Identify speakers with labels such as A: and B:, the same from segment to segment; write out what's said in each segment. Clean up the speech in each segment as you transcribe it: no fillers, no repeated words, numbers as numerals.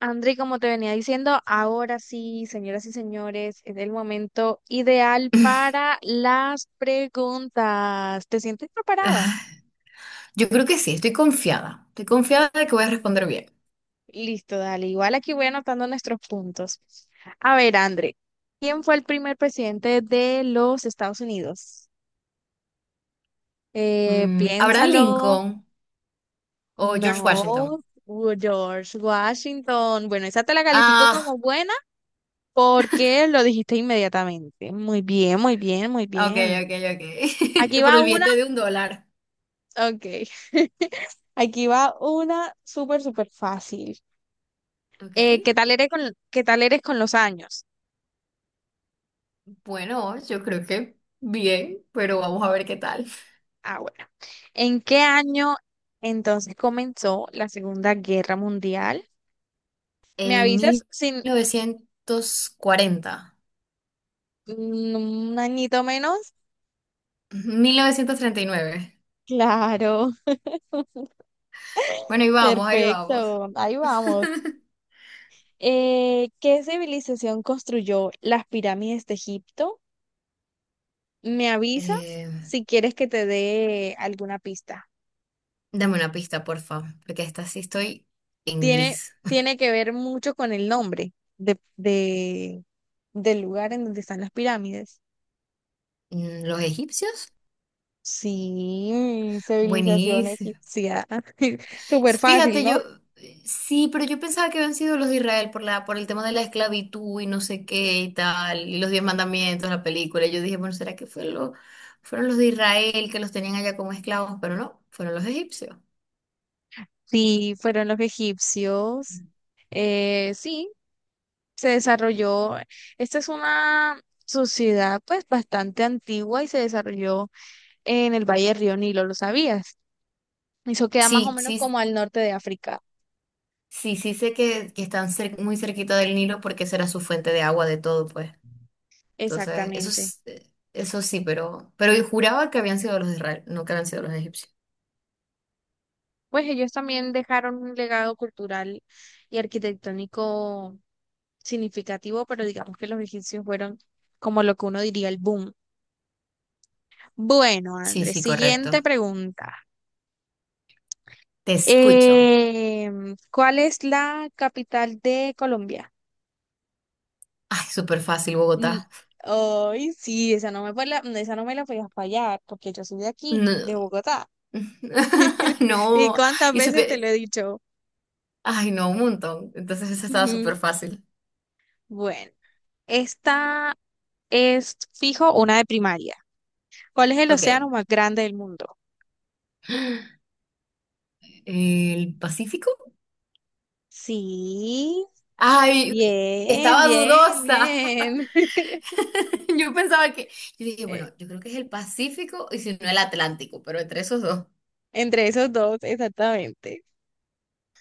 A: André, como te venía diciendo, ahora sí, señoras y señores, es el momento ideal para las preguntas. ¿Te sientes preparada?
B: Yo creo que sí, estoy confiada. Estoy confiada de que voy a responder bien.
A: Listo, dale. Igual aquí voy anotando nuestros puntos. A ver, André, ¿quién fue el primer presidente de los Estados Unidos?
B: ¿Abraham
A: Piénsalo.
B: Lincoln o George Washington?
A: No, George Washington. Bueno, esa te la califico
B: Ah,
A: como buena porque lo dijiste inmediatamente. Muy bien, muy bien, muy
B: ok,
A: bien.
B: ok,
A: Aquí
B: ok. Por
A: va
B: el
A: una,
B: billete de un dólar.
A: ok. Aquí va una súper, súper fácil.
B: Ok.
A: Eh, ¿qué tal eres con, qué tal eres con los años?
B: Bueno, yo creo que bien, pero vamos a
A: Ah,
B: ver qué tal.
A: ah, bueno. ¿En qué año entonces comenzó la Segunda Guerra Mundial? ¿Me
B: En
A: avisas
B: mil
A: sin
B: mil novecientos novecientos cuarenta,
A: mm, un añito menos?
B: 1939.
A: Claro,
B: Bueno, ahí vamos, ahí vamos.
A: perfecto. Ahí vamos. ¿Qué civilización construyó las pirámides de Egipto? ¿Me avisas
B: Eh,
A: si quieres que te dé alguna pista?
B: dame una pista, porfa, porque esta sí estoy en
A: tiene,
B: gris.
A: tiene que ver mucho con el nombre del lugar en donde están las pirámides.
B: ¿Los egipcios?
A: Sí, civilización
B: Buenísimo.
A: egipcia. Súper fácil,
B: Fíjate, yo
A: ¿no?
B: sí, pero yo pensaba que habían sido los de Israel por por el tema de la esclavitud y no sé qué y tal, y los diez mandamientos, la película. Yo dije, bueno, ¿será que fue fueron los de Israel que los tenían allá como esclavos? Pero no, fueron los egipcios.
A: Sí, fueron los egipcios. Sí, se desarrolló. Esta es una sociedad pues bastante antigua y se desarrolló en el Valle del Río Nilo, ¿lo sabías? Eso queda más o
B: Sí,
A: menos
B: sí,
A: como al norte de África.
B: sí, sí sé que están muy cerquita del Nilo porque esa era su fuente de agua de todo, pues. Entonces, eso,
A: Exactamente.
B: eso sí, pero yo juraba que habían sido los de Israel, no que habían sido los egipcios.
A: Pues ellos también dejaron un legado cultural y arquitectónico significativo, pero digamos que los egipcios fueron como lo que uno diría el boom. Bueno,
B: Sí,
A: Andrés,
B: sí, correcto.
A: siguiente pregunta.
B: Te escucho.
A: ¿Cuál es la capital de Colombia?
B: Ay, súper fácil,
A: Mm,
B: Bogotá.
A: Ay, sí, esa no me la podías fallar, porque yo soy de aquí, de
B: No.
A: Bogotá. ¿Y
B: No,
A: cuántas
B: y
A: veces te lo
B: super,
A: he dicho?
B: ay, no, un montón. Entonces esa estaba
A: Ujú.
B: súper fácil.
A: Bueno, esta es fijo una de primaria. ¿Cuál es el
B: Ok.
A: océano más grande del mundo?
B: ¿El Pacífico?
A: Sí.
B: Ay,
A: Bien,
B: estaba
A: bien,
B: dudosa.
A: bien.
B: Yo pensaba que, yo dije,
A: Eh,
B: bueno, yo creo que es el Pacífico y si no el Atlántico, pero entre esos dos.
A: Entre esos dos, exactamente.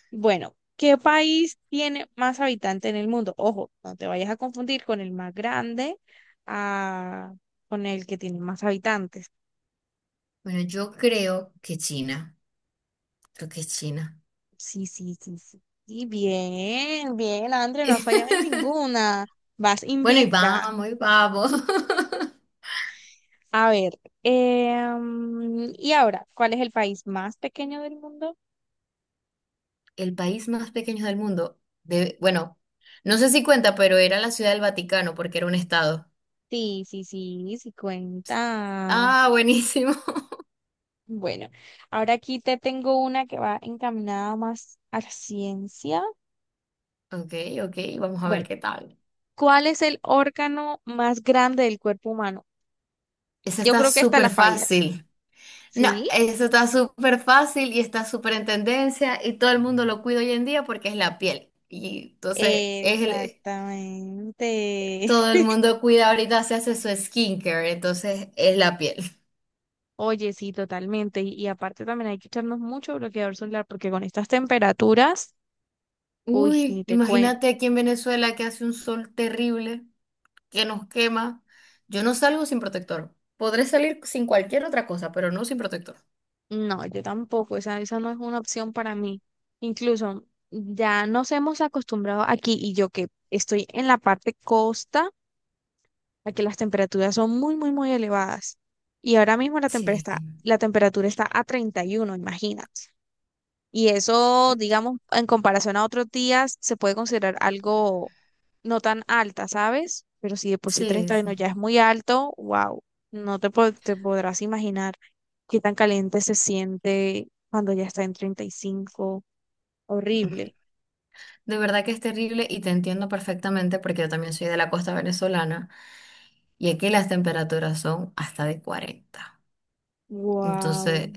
A: Bueno, ¿qué país tiene más habitantes en el mundo? Ojo, no te vayas a confundir con el más grande, ah, con el que tiene más habitantes.
B: Bueno, yo creo que China. Creo que es China.
A: Sí, sí, sí, sí. Y bien, bien, André, no fallaba en ninguna. Vas
B: Bueno, y
A: invicta.
B: vamos, y vamos.
A: A ver, y ahora, ¿cuál es el país más pequeño del mundo?
B: El país más pequeño del mundo. Bueno, no sé si cuenta, pero era la Ciudad del Vaticano porque era un estado.
A: Sí, sí, sí, sí cuenta.
B: Ah, buenísimo.
A: Bueno, ahora aquí te tengo una que va encaminada más a la ciencia.
B: Ok, ok, vamos a ver
A: Bueno,
B: qué tal.
A: ¿cuál es el órgano más grande del cuerpo humano?
B: Eso
A: Yo
B: está
A: creo que esta
B: súper
A: la fallas.
B: fácil. No,
A: ¿Sí?
B: eso está súper fácil y está súper en tendencia y todo el mundo lo cuida hoy en día porque es la piel. Y entonces
A: Exactamente.
B: todo el mundo cuida ahorita, se hace su skincare, entonces es la piel.
A: Oye, sí, totalmente. Y aparte también hay que echarnos mucho bloqueador solar porque con estas temperaturas, uy, ni
B: Uy,
A: te cuento.
B: imagínate aquí en Venezuela que hace un sol terrible, que nos quema. Yo no salgo sin protector. Podré salir sin cualquier otra cosa, pero no sin protector.
A: No, yo tampoco, esa no es una opción para mí. Incluso ya nos hemos acostumbrado aquí y yo que estoy en la parte costa, a que las temperaturas son muy, muy, muy elevadas. Y ahora mismo la temperatura
B: Sí.
A: está, la temperatura está a 31. Imagínate. Y eso, digamos, en comparación a otros días, se puede considerar algo no tan alta, ¿sabes? Pero si de por sí
B: Sí,
A: 31
B: sí.
A: ya es muy alto, wow, no te, po- te podrás imaginar qué tan caliente se siente cuando ya está en 35. Horrible.
B: De verdad que es terrible y te entiendo perfectamente porque yo también soy de la costa venezolana y aquí las temperaturas son hasta de 40. Entonces,
A: Wow,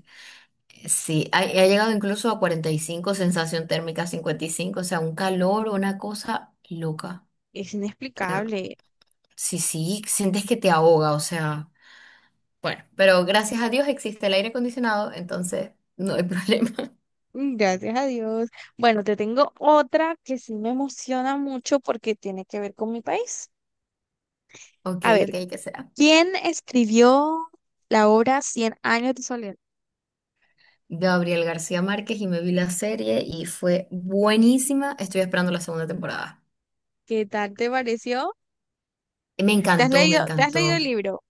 B: sí, ha llegado incluso a 45, sensación térmica 55, o sea, un calor, una cosa loca.
A: es inexplicable.
B: Sí, sí, sientes que te ahoga, o sea, bueno, pero gracias a Dios existe el aire acondicionado, entonces no hay problema.
A: Gracias a Dios. Bueno, te tengo otra que sí me emociona mucho porque tiene que ver con mi país.
B: Ok,
A: A
B: ok,
A: ver.
B: ¿qué será?
A: ¿Quién escribió la obra Cien años de soledad?
B: Gabriel García Márquez y me vi la serie y fue buenísima. Estoy esperando la segunda temporada.
A: ¿Qué tal te pareció?
B: Me
A: ¿Te has
B: encantó, me
A: leído, te has leído
B: encantó.
A: el libro?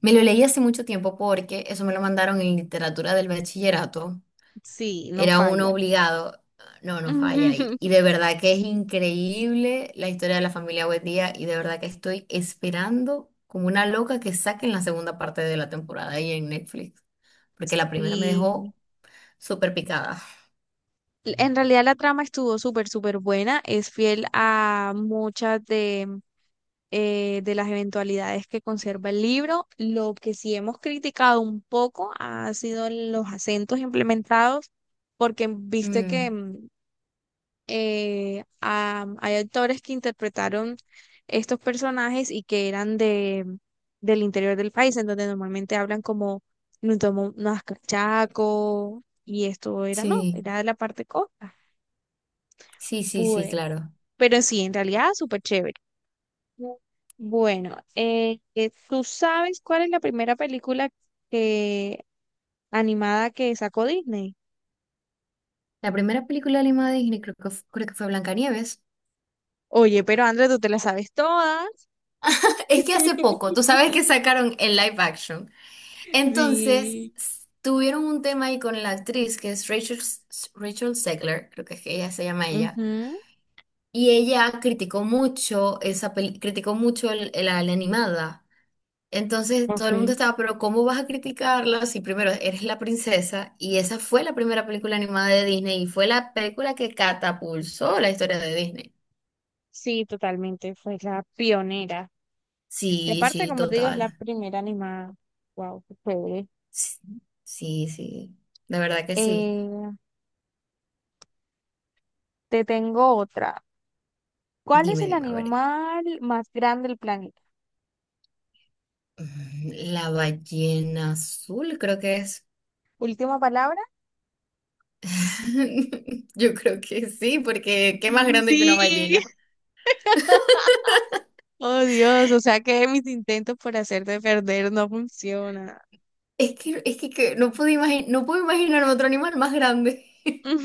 B: Me lo leí hace mucho tiempo porque eso me lo mandaron en literatura del bachillerato.
A: Sí, no
B: Era uno
A: falla.
B: obligado. No, no falla ahí. Y de verdad que es increíble la historia de la familia Buendía y de verdad que estoy esperando como una loca que saquen la segunda parte de la temporada ahí en Netflix, porque la primera me
A: Y
B: dejó súper picada.
A: en realidad la trama estuvo súper, súper buena. Es fiel a muchas de las eventualidades que conserva el libro. Lo que sí hemos criticado un poco ha sido los acentos implementados, porque viste que
B: Mm,
A: hay actores que interpretaron estos personajes y que eran del interior del país, en donde normalmente hablan como nos tomó unas cachaco y esto era, no,
B: sí,
A: era de la parte costa.
B: sí, sí, sí,
A: Pues,
B: claro.
A: pero sí, en realidad súper chévere. Bu- Bueno, ¿tú sabes cuál es la primera película que, animada que sacó Disney?
B: La primera película animada de Disney creo creo que fue Blancanieves.
A: Oye, pero André, tú te la sabes todas.
B: Es que hace poco, tú sabes que sacaron el live action. Entonces,
A: Sí.
B: tuvieron un tema ahí con la actriz que es Rachel Zegler, creo que es que ella se llama ella.
A: Ujú.
B: Y ella criticó mucho esa criticó mucho la animada. Entonces, todo el mundo
A: Ok.
B: estaba, pero ¿cómo vas a criticarla si primero eres la princesa? Y esa fue la primera película animada de Disney y fue la película que catapulsó la historia de Disney.
A: Sí, totalmente, fue la pionera. Y
B: Sí,
A: aparte,
B: sí,
A: como te digo, es la
B: total.
A: primera animada. Wow, qué chévere.
B: Sí, sí, sí. De verdad que sí.
A: Eh, te tengo otra. ¿Cuál es
B: Dime,
A: el
B: dime, a ver.
A: animal más grande del planeta?
B: La ballena azul, creo que es.
A: Última palabra.
B: Yo creo que sí, porque qué más grande que una
A: Sí,
B: ballena.
A: oh Dios, o sea que mis intentos por hacerte perder no funcionan.
B: Es que no pude imaginar, no puedo imaginar otro animal más grande.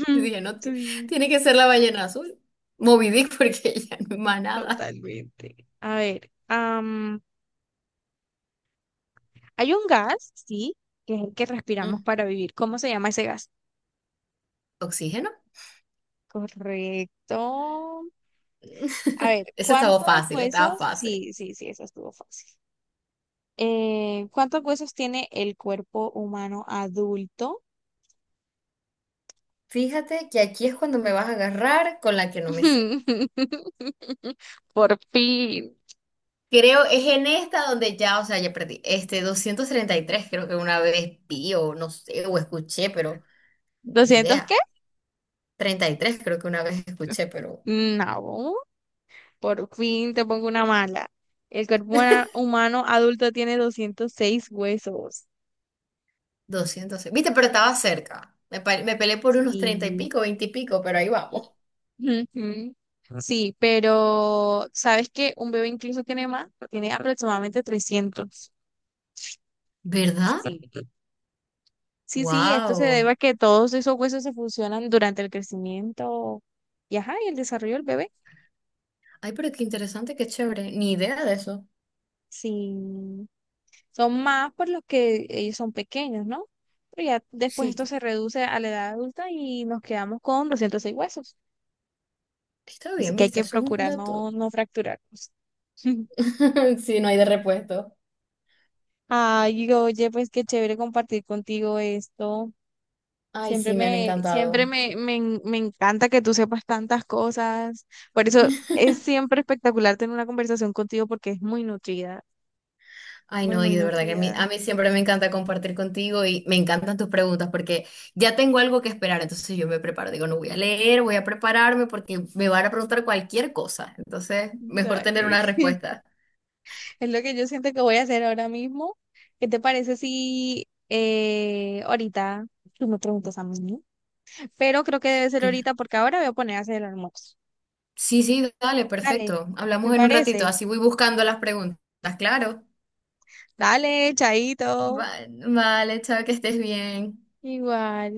B: Yo dije, no,
A: Sí,
B: tiene que ser la ballena azul. Moby Dick, porque ya no es más nada.
A: totalmente. A ver, hay un gas, sí, que es el que respiramos
B: Mm,
A: para vivir. ¿Cómo se llama ese gas?
B: ¿Oxígeno?
A: Correcto. A ver,
B: Ese estaba
A: ¿cuántos
B: fácil, estaba
A: huesos?
B: fácil.
A: Sí, sí, sí, eso estuvo fácil. ¿Cuántos huesos tiene el cuerpo humano adulto?
B: Fíjate que aquí es cuando me vas a agarrar con la que no me sé.
A: Por fin.
B: Creo es en esta donde ya, o sea, ya perdí. 233 creo que una vez vi o no sé, o escuché, pero ni
A: ¿200 qué?
B: idea. 33 creo que una vez escuché, pero
A: No, por fin te pongo una mala. El cuerpo humano adulto tiene 206 huesos.
B: 200. Viste, pero estaba cerca. Me peleé por unos 30 y
A: Sí.
B: pico, 20 y pico, pero ahí vamos.
A: Ujú. Sí, pero ¿sabes que un bebé incluso tiene más, tiene aproximadamente 300?
B: ¿Verdad?
A: Sí. Sí, sí, esto se
B: Wow.
A: debe a que todos esos huesos se funcionan durante el crecimiento y, ajá, y el desarrollo del bebé.
B: Ay, pero qué interesante, qué chévere. Ni idea de eso.
A: Sí, son más por los que ellos son pequeños, ¿no? Pero ya después
B: Sí,
A: esto se reduce a la edad adulta y nos quedamos con 206 huesos.
B: está
A: Así
B: bien,
A: que hay
B: viste,
A: que
B: eso es un
A: procurar no,
B: dato.
A: no fracturarnos.
B: Sí, no hay de repuesto.
A: Ay, oye, pues qué chévere compartir contigo esto.
B: Ay, sí, me han
A: Siempre
B: encantado.
A: me, me, en- me encanta que tú sepas tantas cosas. Por eso es siempre espectacular tener una conversación contigo porque es muy nutrida,
B: Ay,
A: muy,
B: no, y
A: muy
B: de verdad que a mí,
A: nutrida.
B: a mí siempre me encanta compartir contigo y me encantan tus preguntas porque ya tengo algo que esperar, entonces yo me preparo, digo, no voy a leer, voy a prepararme porque me van a preguntar cualquier cosa, entonces mejor tener
A: Dale.
B: una respuesta.
A: Es lo que yo siento que voy a hacer ahora mismo. ¿Qué te parece si ahorita tú me preguntas a mí? ¿No? Pero creo que debe ser
B: Cla-
A: ahorita porque ahora voy a poner a hacer el almuerzo.
B: Sí, sí, dale,
A: Dale,
B: perfecto.
A: ¿te
B: Hablamos en un ratito,
A: parece?
B: así voy buscando las preguntas, claro.
A: Dale, chaito.
B: Va- Vale, chao, que estés bien.
A: Igual.